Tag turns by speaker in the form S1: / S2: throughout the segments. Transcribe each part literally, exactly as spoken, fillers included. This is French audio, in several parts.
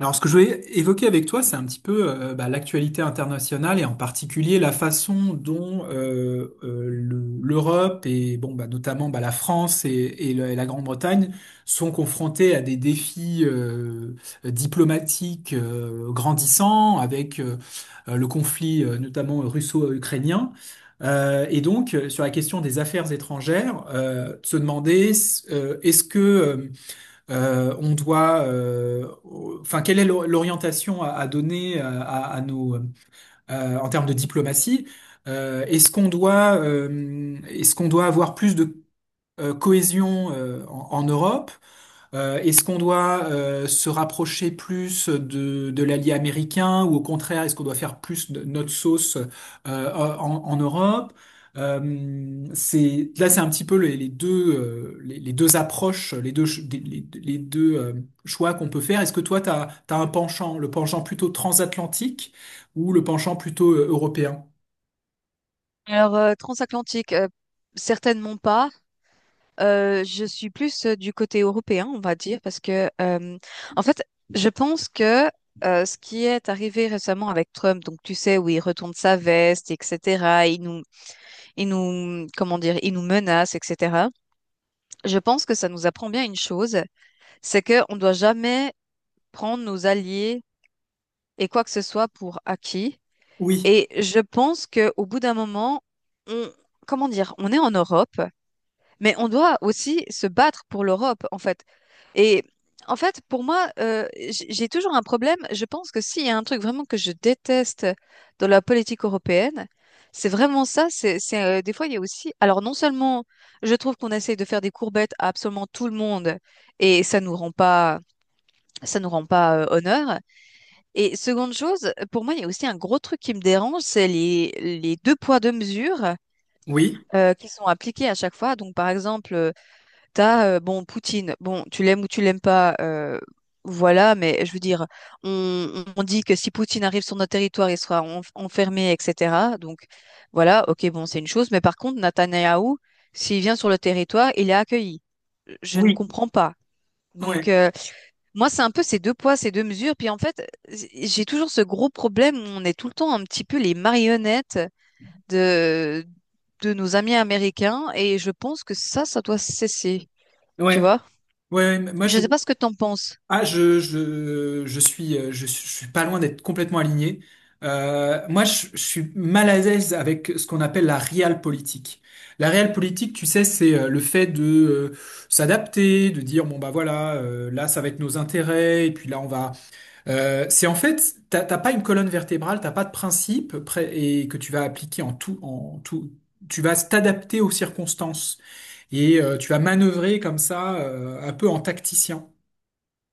S1: Alors, ce que je voulais évoquer avec toi, c'est un petit peu euh, bah, l'actualité internationale et en particulier la façon dont euh, euh, le- l'Europe et bon, bah, notamment bah, la France et, et le- et la Grande-Bretagne sont confrontées à des défis euh, diplomatiques euh, grandissants avec euh, euh, le conflit euh, notamment russo-ukrainien. Euh, et donc, euh, sur la question des affaires étrangères, euh, de se demander euh, est-ce que euh, euh, on doit, euh, au- enfin, quelle est l'or- l'orientation à, à donner à, à- à nos, euh, en termes de diplomatie? Euh, est-ce qu'on doit, euh, est-ce qu'on doit avoir plus de euh, cohésion euh, en, en Europe? Euh, est-ce qu'on doit euh, se rapprocher plus de, de l'allié américain ou au contraire, est-ce qu'on doit faire plus de notre sauce euh, en, en Europe? Euh, c'est, là, c'est un petit peu les, les deux, euh, les, les deux approches, les deux, ch- des- les, les deux euh, choix qu'on peut faire. Est-ce que toi, tu as, un penchant, le penchant plutôt transatlantique ou le penchant plutôt euh, européen?
S2: Alors, euh, transatlantique, euh, certainement pas. Euh, je suis plus euh, du côté européen, on va dire, parce que, euh, en fait, je pense que euh, ce qui est arrivé récemment avec Trump, donc tu sais, où il retourne sa veste, et cetera, il nous, il nous, comment dire, il nous menace, et cetera, je pense que ça nous apprend bien une chose, c'est que on doit jamais prendre nos alliés et quoi que ce soit pour acquis.
S1: Oui.
S2: Et je pense que au bout d'un moment, on, comment dire, on est en Europe. Mais on doit aussi se battre pour l'Europe, en fait. Et en fait, pour moi, euh, j- j'ai toujours un problème. Je pense que s'il y a un truc vraiment que je déteste dans la politique européenne, c'est vraiment ça. C'est, c'est, euh, des fois, il y a aussi. Alors, non seulement je trouve qu'on essaye de faire des courbettes à absolument tout le monde et ça nous rend pas, ça nous rend pas euh, honneur. Et seconde chose, pour moi, il y a aussi un gros truc qui me dérange, c'est les, les deux poids deux mesures
S1: Oui,
S2: euh, qui sont appliqués à chaque fois. Donc, par exemple, t'as, euh, bon, Poutine, bon, tu l'aimes ou tu l'aimes pas, euh, voilà, mais je veux dire, on, on dit que si Poutine arrive sur notre territoire, il sera en- enfermé, et cetera. Donc, voilà, ok, bon, c'est une chose, mais par contre, Netanyahou, s'il vient sur le territoire, il est accueilli. Je ne
S1: oui.
S2: comprends pas. Donc,
S1: Ouais,
S2: euh, moi, c'est un peu ces deux poids, ces deux mesures. Puis, en fait, j'ai j'ai toujours ce gros problème où on est tout le temps un petit peu les marionnettes de, de nos amis américains, et je pense que ça, ça doit cesser, tu
S1: ouais.
S2: vois?
S1: Ouais, moi
S2: Je
S1: je,
S2: sais pas ce que t'en penses.
S1: Ah, je, je, je suis, euh, je, suis je suis pas loin d'être complètement aligné. Euh, moi, je, je suis mal à l'aise avec ce qu'on appelle la realpolitik. La realpolitik, tu sais, c'est euh, le fait de euh, s'adapter, de dire, bon, bah voilà, euh, là, ça va être nos intérêts, et puis là, on va... Euh, c'est en fait, t'as t'as pas une colonne vertébrale, t'as pas de principe pré- et que tu vas appliquer en tout, en tout. Tu vas t'adapter aux circonstances et euh, tu vas manœuvrer comme ça, euh, un peu en tacticien.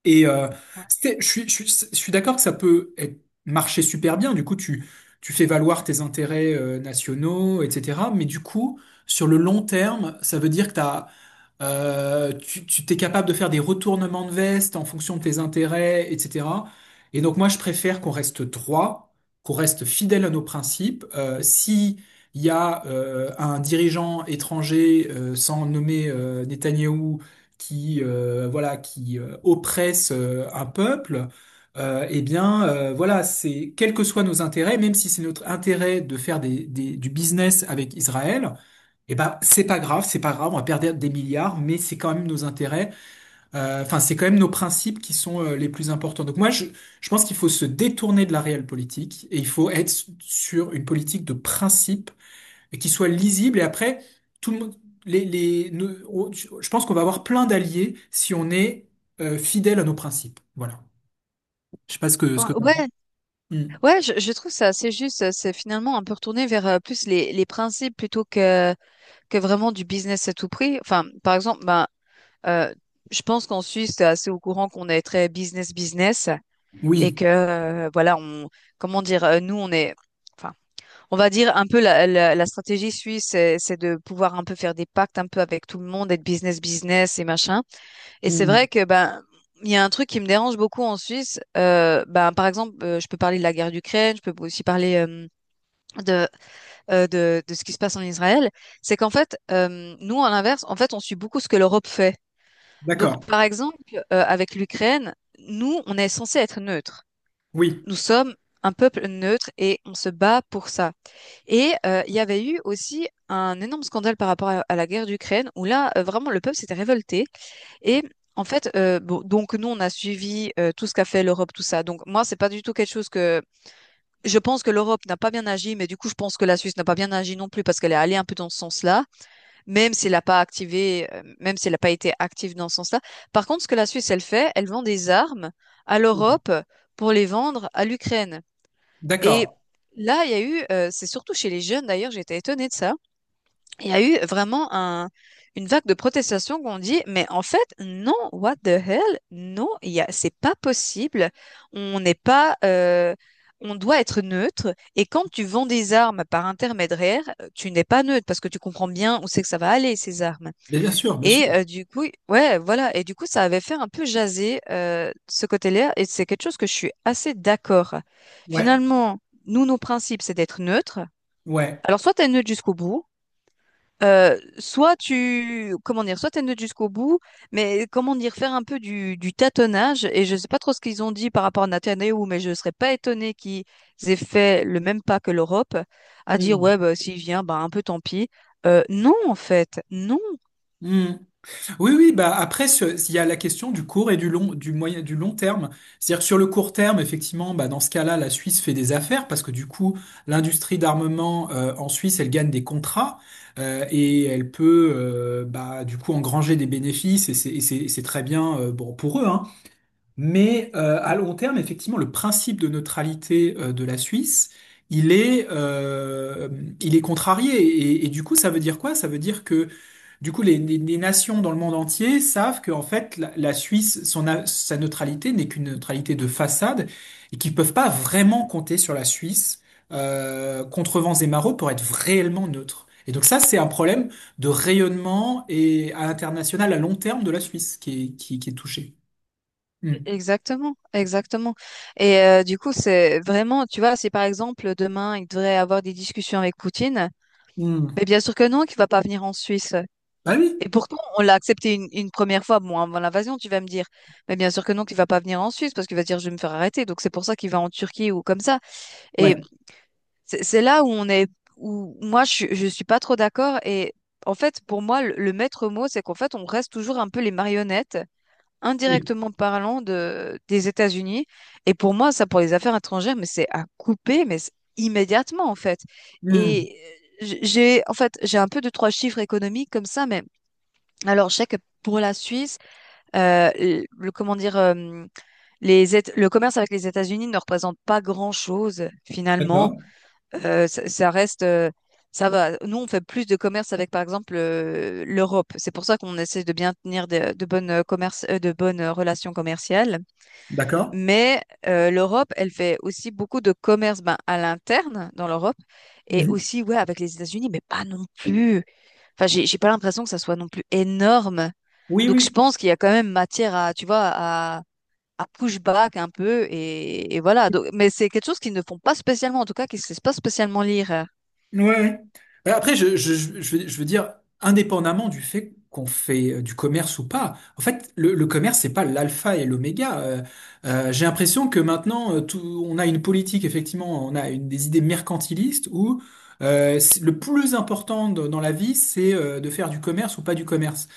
S1: Et euh, c'était- je suis, je suis, je suis d'accord que ça peut être- marcher super bien. Du coup, tu, tu fais valoir tes intérêts euh, nationaux, et cetera. Mais du coup, sur le long terme, ça veut dire que t'as, euh, tu, tu t'es capable de faire des retournements de veste en fonction de tes intérêts, et cetera. Et donc, moi, je préfère qu'on reste droit, qu'on reste fidèle à nos principes. Euh, si il y a euh, un dirigeant étranger, euh, sans nommer euh, Netanyahou, qui euh, voilà qui euh, oppresse euh, un peuple euh, eh bien euh, voilà, c'est quels que soient nos intérêts, même si c'est notre intérêt de faire des, des- du business avec Israël, eh ben c'est pas grave, c'est pas grave, on va perdre des milliards, mais c'est quand même nos intérêts, euh, enfin c'est quand même nos principes qui sont euh, les plus importants. Donc moi je je pense qu'il faut se détourner de la réelle politique et il faut être sur une politique de principe et qui soit lisible. Et après, tout le monde, les, les, nous- on- je je pense qu'on va avoir plein d'alliés si on est euh, fidèle à nos principes. Voilà. Je sais pas ce que ce
S2: Ouais,
S1: que t'en penses.
S2: ouais,
S1: Hmm.
S2: ouais, je, je trouve ça assez juste. euh, C'est finalement un peu retourné vers euh, plus les, les principes plutôt que, que vraiment du business à tout prix. Enfin, par exemple, ben, euh, je pense qu'en Suisse, t'es assez au courant qu'on est très business business et
S1: Oui.
S2: que euh, voilà, on, comment dire, euh, nous on est, enfin, on va dire un peu la, la, la stratégie suisse, c'est c'est de pouvoir un peu faire des pactes un peu avec tout le monde, être business business et machin. Et c'est
S1: Hmm.
S2: vrai que ben il y a un truc qui me dérange beaucoup en Suisse. Euh, ben par exemple, euh, je peux parler de la guerre d'Ukraine, je peux aussi parler euh, de, euh, de de ce qui se passe en Israël. C'est qu'en fait, euh, nous à l'inverse, en fait, on suit beaucoup ce que l'Europe fait. Donc
S1: D'accord.
S2: par exemple, euh, avec l'Ukraine, nous on est censé être neutre.
S1: Oui.
S2: Nous sommes un peuple neutre et on se bat pour ça. Et euh, il y avait eu aussi un énorme scandale par rapport à, à la guerre d'Ukraine où là euh, vraiment le peuple s'était révolté et en fait, euh, bon, donc nous, on a suivi euh, tout ce qu'a fait l'Europe, tout ça. Donc moi, c'est pas du tout quelque chose que je pense que l'Europe n'a pas bien agi, mais du coup, je pense que la Suisse n'a pas bien agi non plus parce qu'elle est allée un peu dans ce sens-là, même si elle n'a pas activé, euh, même si elle n'a pas été active dans ce sens-là. Par contre, ce que la Suisse, elle fait, elle vend des armes à l'Europe pour les vendre à l'Ukraine.
S1: D'accord.
S2: Et là, il y a eu, euh, c'est surtout chez les jeunes d'ailleurs, j'étais étonnée de ça il y a eu vraiment un, une vague de protestations qu'on dit, mais en fait, non, what the hell, non, il y a- c'est pas possible. On n'est pas, euh, on doit être neutre. Et quand tu vends des armes par intermédiaire, euh, tu n'es pas neutre parce que tu comprends bien où c'est que ça va aller ces armes.
S1: Mais bien sûr, bien sûr.
S2: Et euh, du coup, ouais, voilà. Et du coup, ça avait fait un peu jaser euh, ce côté-là. Et c'est quelque chose que je suis assez d'accord.
S1: Ouais.
S2: Finalement, nous, nos principes, c'est d'être neutre.
S1: Ouais.
S2: Alors, soit tu es neutre jusqu'au bout. Euh, soit tu, comment dire, soit t'es jusqu'au bout, mais comment dire, faire un peu du, du tâtonnage. Et je sais pas trop ce qu'ils ont dit par rapport à Netanyahou, mais je serais pas étonnée qu'ils aient fait le même pas que l'Europe, à dire ouais,
S1: Hmm.
S2: bah, s'il vient, bah, un peu tant pis. Euh, non, en fait, non,
S1: Hmm. Oui, oui, bah après, ce- il y a la question du court et du long, du moyen, du long terme. C'est-à-dire que sur le court terme, effectivement, bah dans ce cas-là, la Suisse fait des affaires parce que du coup, l'industrie d'armement euh, en Suisse, elle gagne des contrats euh, et elle peut, euh, bah, du coup, engranger des bénéfices et c'est et c'est- et c'est très bien euh, bon pour eux, hein. Mais euh, à long terme, effectivement, le principe de neutralité euh, de la Suisse, il est, euh, il est contrarié, et, et du coup, ça veut dire quoi? Ça veut dire que du coup, les, les- les nations dans le monde entier savent que en fait, la, la Suisse, son, a- sa neutralité n'est qu'une neutralité de façade et qu'ils peuvent pas vraiment compter sur la Suisse euh, contre vents et marées pour être réellement neutre. Et donc ça, c'est un problème de rayonnement et à l'international à long terme de la Suisse qui est, qui, qui est touché. Hmm.
S2: exactement, exactement. Et euh, du coup, c'est vraiment, tu vois, si par exemple demain il devrait avoir des discussions avec Poutine,
S1: Hmm.
S2: mais bien sûr que non, qu'il va pas venir en Suisse.
S1: Ah oui,
S2: Et pourtant, on l'a accepté une, une première fois, bon, avant l'invasion, tu vas me dire. Mais bien sûr que non, qu'il va pas venir en Suisse parce qu'il va dire je vais me faire arrêter. Donc c'est pour ça qu'il va en Turquie ou comme ça.
S1: ouais,
S2: Et c'est c'est là où on est, où moi je, je suis pas trop d'accord. Et en fait, pour moi, le, le maître mot, c'est qu'en fait, on reste toujours un peu les marionnettes,
S1: oui.
S2: indirectement parlant de, des États-Unis. Et pour moi, ça, pour les affaires étrangères, mais c'est à couper, mais c'est immédiatement en fait.
S1: Hmm.
S2: Et euh, j- j'ai, en fait, j'ai un peu de trois chiffres économiques comme ça, mais alors, je sais que pour la Suisse, euh, le, le- comment dire, euh, les, Éta- le commerce avec les États-Unis ne représente pas grand-chose finalement.
S1: D'accord,
S2: Euh, ça, ça reste, euh, ça va. Nous, on fait plus de commerce avec, par exemple, euh, l'Europe. C'est pour ça qu'on essaie de bien tenir de, de bonnes euh, commerces- euh, de bonnes euh, relations commerciales.
S1: d'accord.
S2: Mais euh, l'Europe, elle fait aussi beaucoup de commerce, ben, à l'interne dans l'Europe et
S1: Mhm.
S2: aussi, ouais, avec les États-Unis, mais pas non plus. Enfin, j'ai j'ai pas l'impression que ça soit non plus énorme.
S1: Oui,
S2: Donc je
S1: oui.
S2: pense qu'il y a quand même matière à, tu vois, à, à push back un peu et, et voilà. Donc, mais c'est quelque chose qu'ils ne font pas spécialement, en tout cas, qu'ils ne se laissent pas spécialement lire. euh.
S1: Ouais. Mais après, je, je, je, je veux je veux dire, indépendamment du fait qu'on fait euh, du commerce ou pas, en fait, le, le commerce, c'est pas l'alpha et l'oméga. Euh, euh, j'ai l'impression que maintenant, euh, tout, on a une politique, effectivement, on a une, des idées mercantilistes où euh, c'est- le plus important de- dans la vie, c'est euh, de faire du commerce ou pas du commerce.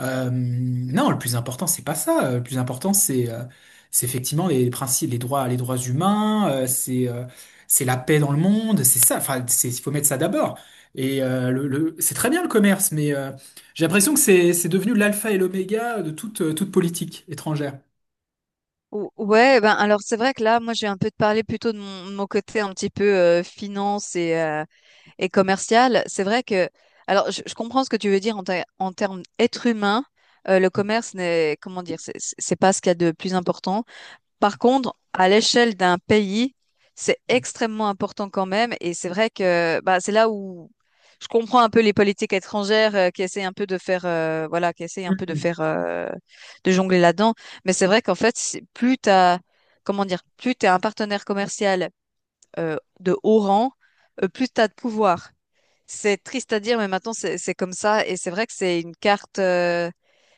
S1: Euh, non, le plus important, c'est pas ça. Euh, Le plus important, c'est euh, c'est effectivement les principes, les droits, les droits humains, euh, c'est euh, c'est la paix dans le monde, c'est ça. Enfin, c'est, il faut mettre ça d'abord. Et euh, le, le- c'est très bien le commerce, mais euh, j'ai l'impression que c'est c'est devenu l'alpha et l'oméga de toute, euh, toute politique étrangère.
S2: Ou- Ouais, ben alors c'est vrai que là, moi, j'ai un peu parlé plutôt de mon, mon côté un petit peu euh, finance et, euh, et commercial. C'est vrai que, alors, je, je comprends ce que tu veux dire en, ter- en termes être humain. Euh, le commerce n'est, comment dire, c'est c'est- c'est pas ce qu'il y a de plus important. Par contre, à l'échelle d'un pays, c'est extrêmement important quand même. Et c'est vrai que bah, c'est là où je comprends un peu les politiques étrangères euh, qui essayent un peu de faire, euh, voilà, qui essayent un peu de faire, euh, de jongler là-dedans. Mais c'est vrai qu'en fait, c'est- plus t'as, comment dire, plus t'es un partenaire commercial euh, de haut rang, euh, plus t'as de pouvoir. C'est triste à dire, mais maintenant c'est c'est comme ça. Et c'est vrai que c'est une carte. euh,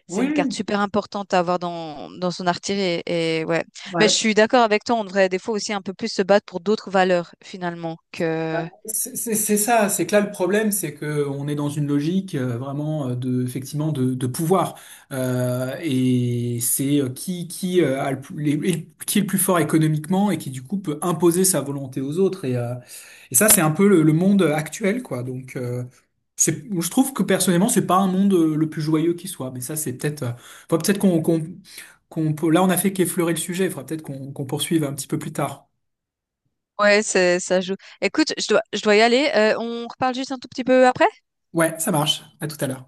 S2: C'est une carte
S1: Oui,
S2: super importante à avoir dans, dans son artillerie. Et, et ouais. Mais je
S1: ouais.
S2: suis d'accord avec toi, on devrait des fois aussi un peu plus se battre pour d'autres valeurs, finalement, que...
S1: C'est c'est- ça, c'est que là le problème, c'est que on est dans une logique euh, vraiment euh, de effectivement de, de pouvoir. Euh, et c'est euh, qui qui euh, a le, plus- les- les- qui est le plus fort économiquement et qui du coup peut imposer sa volonté aux autres, et euh, et ça c'est un peu le, le monde actuel quoi. donc euh, c'est- je trouve que personnellement c'est pas un monde euh, le plus joyeux qui soit, mais ça c'est peut-être euh, faut peut-être qu'on qu'on qu'on peut- là on a fait qu'effleurer le sujet, il faudra peut-être qu'on qu'on poursuive un petit peu plus tard.
S2: Ouais, c'est, ça joue. Écoute, je dois, je dois y aller. Euh, on reparle juste un tout petit peu après?
S1: Ouais, ça marche. À tout à l'heure.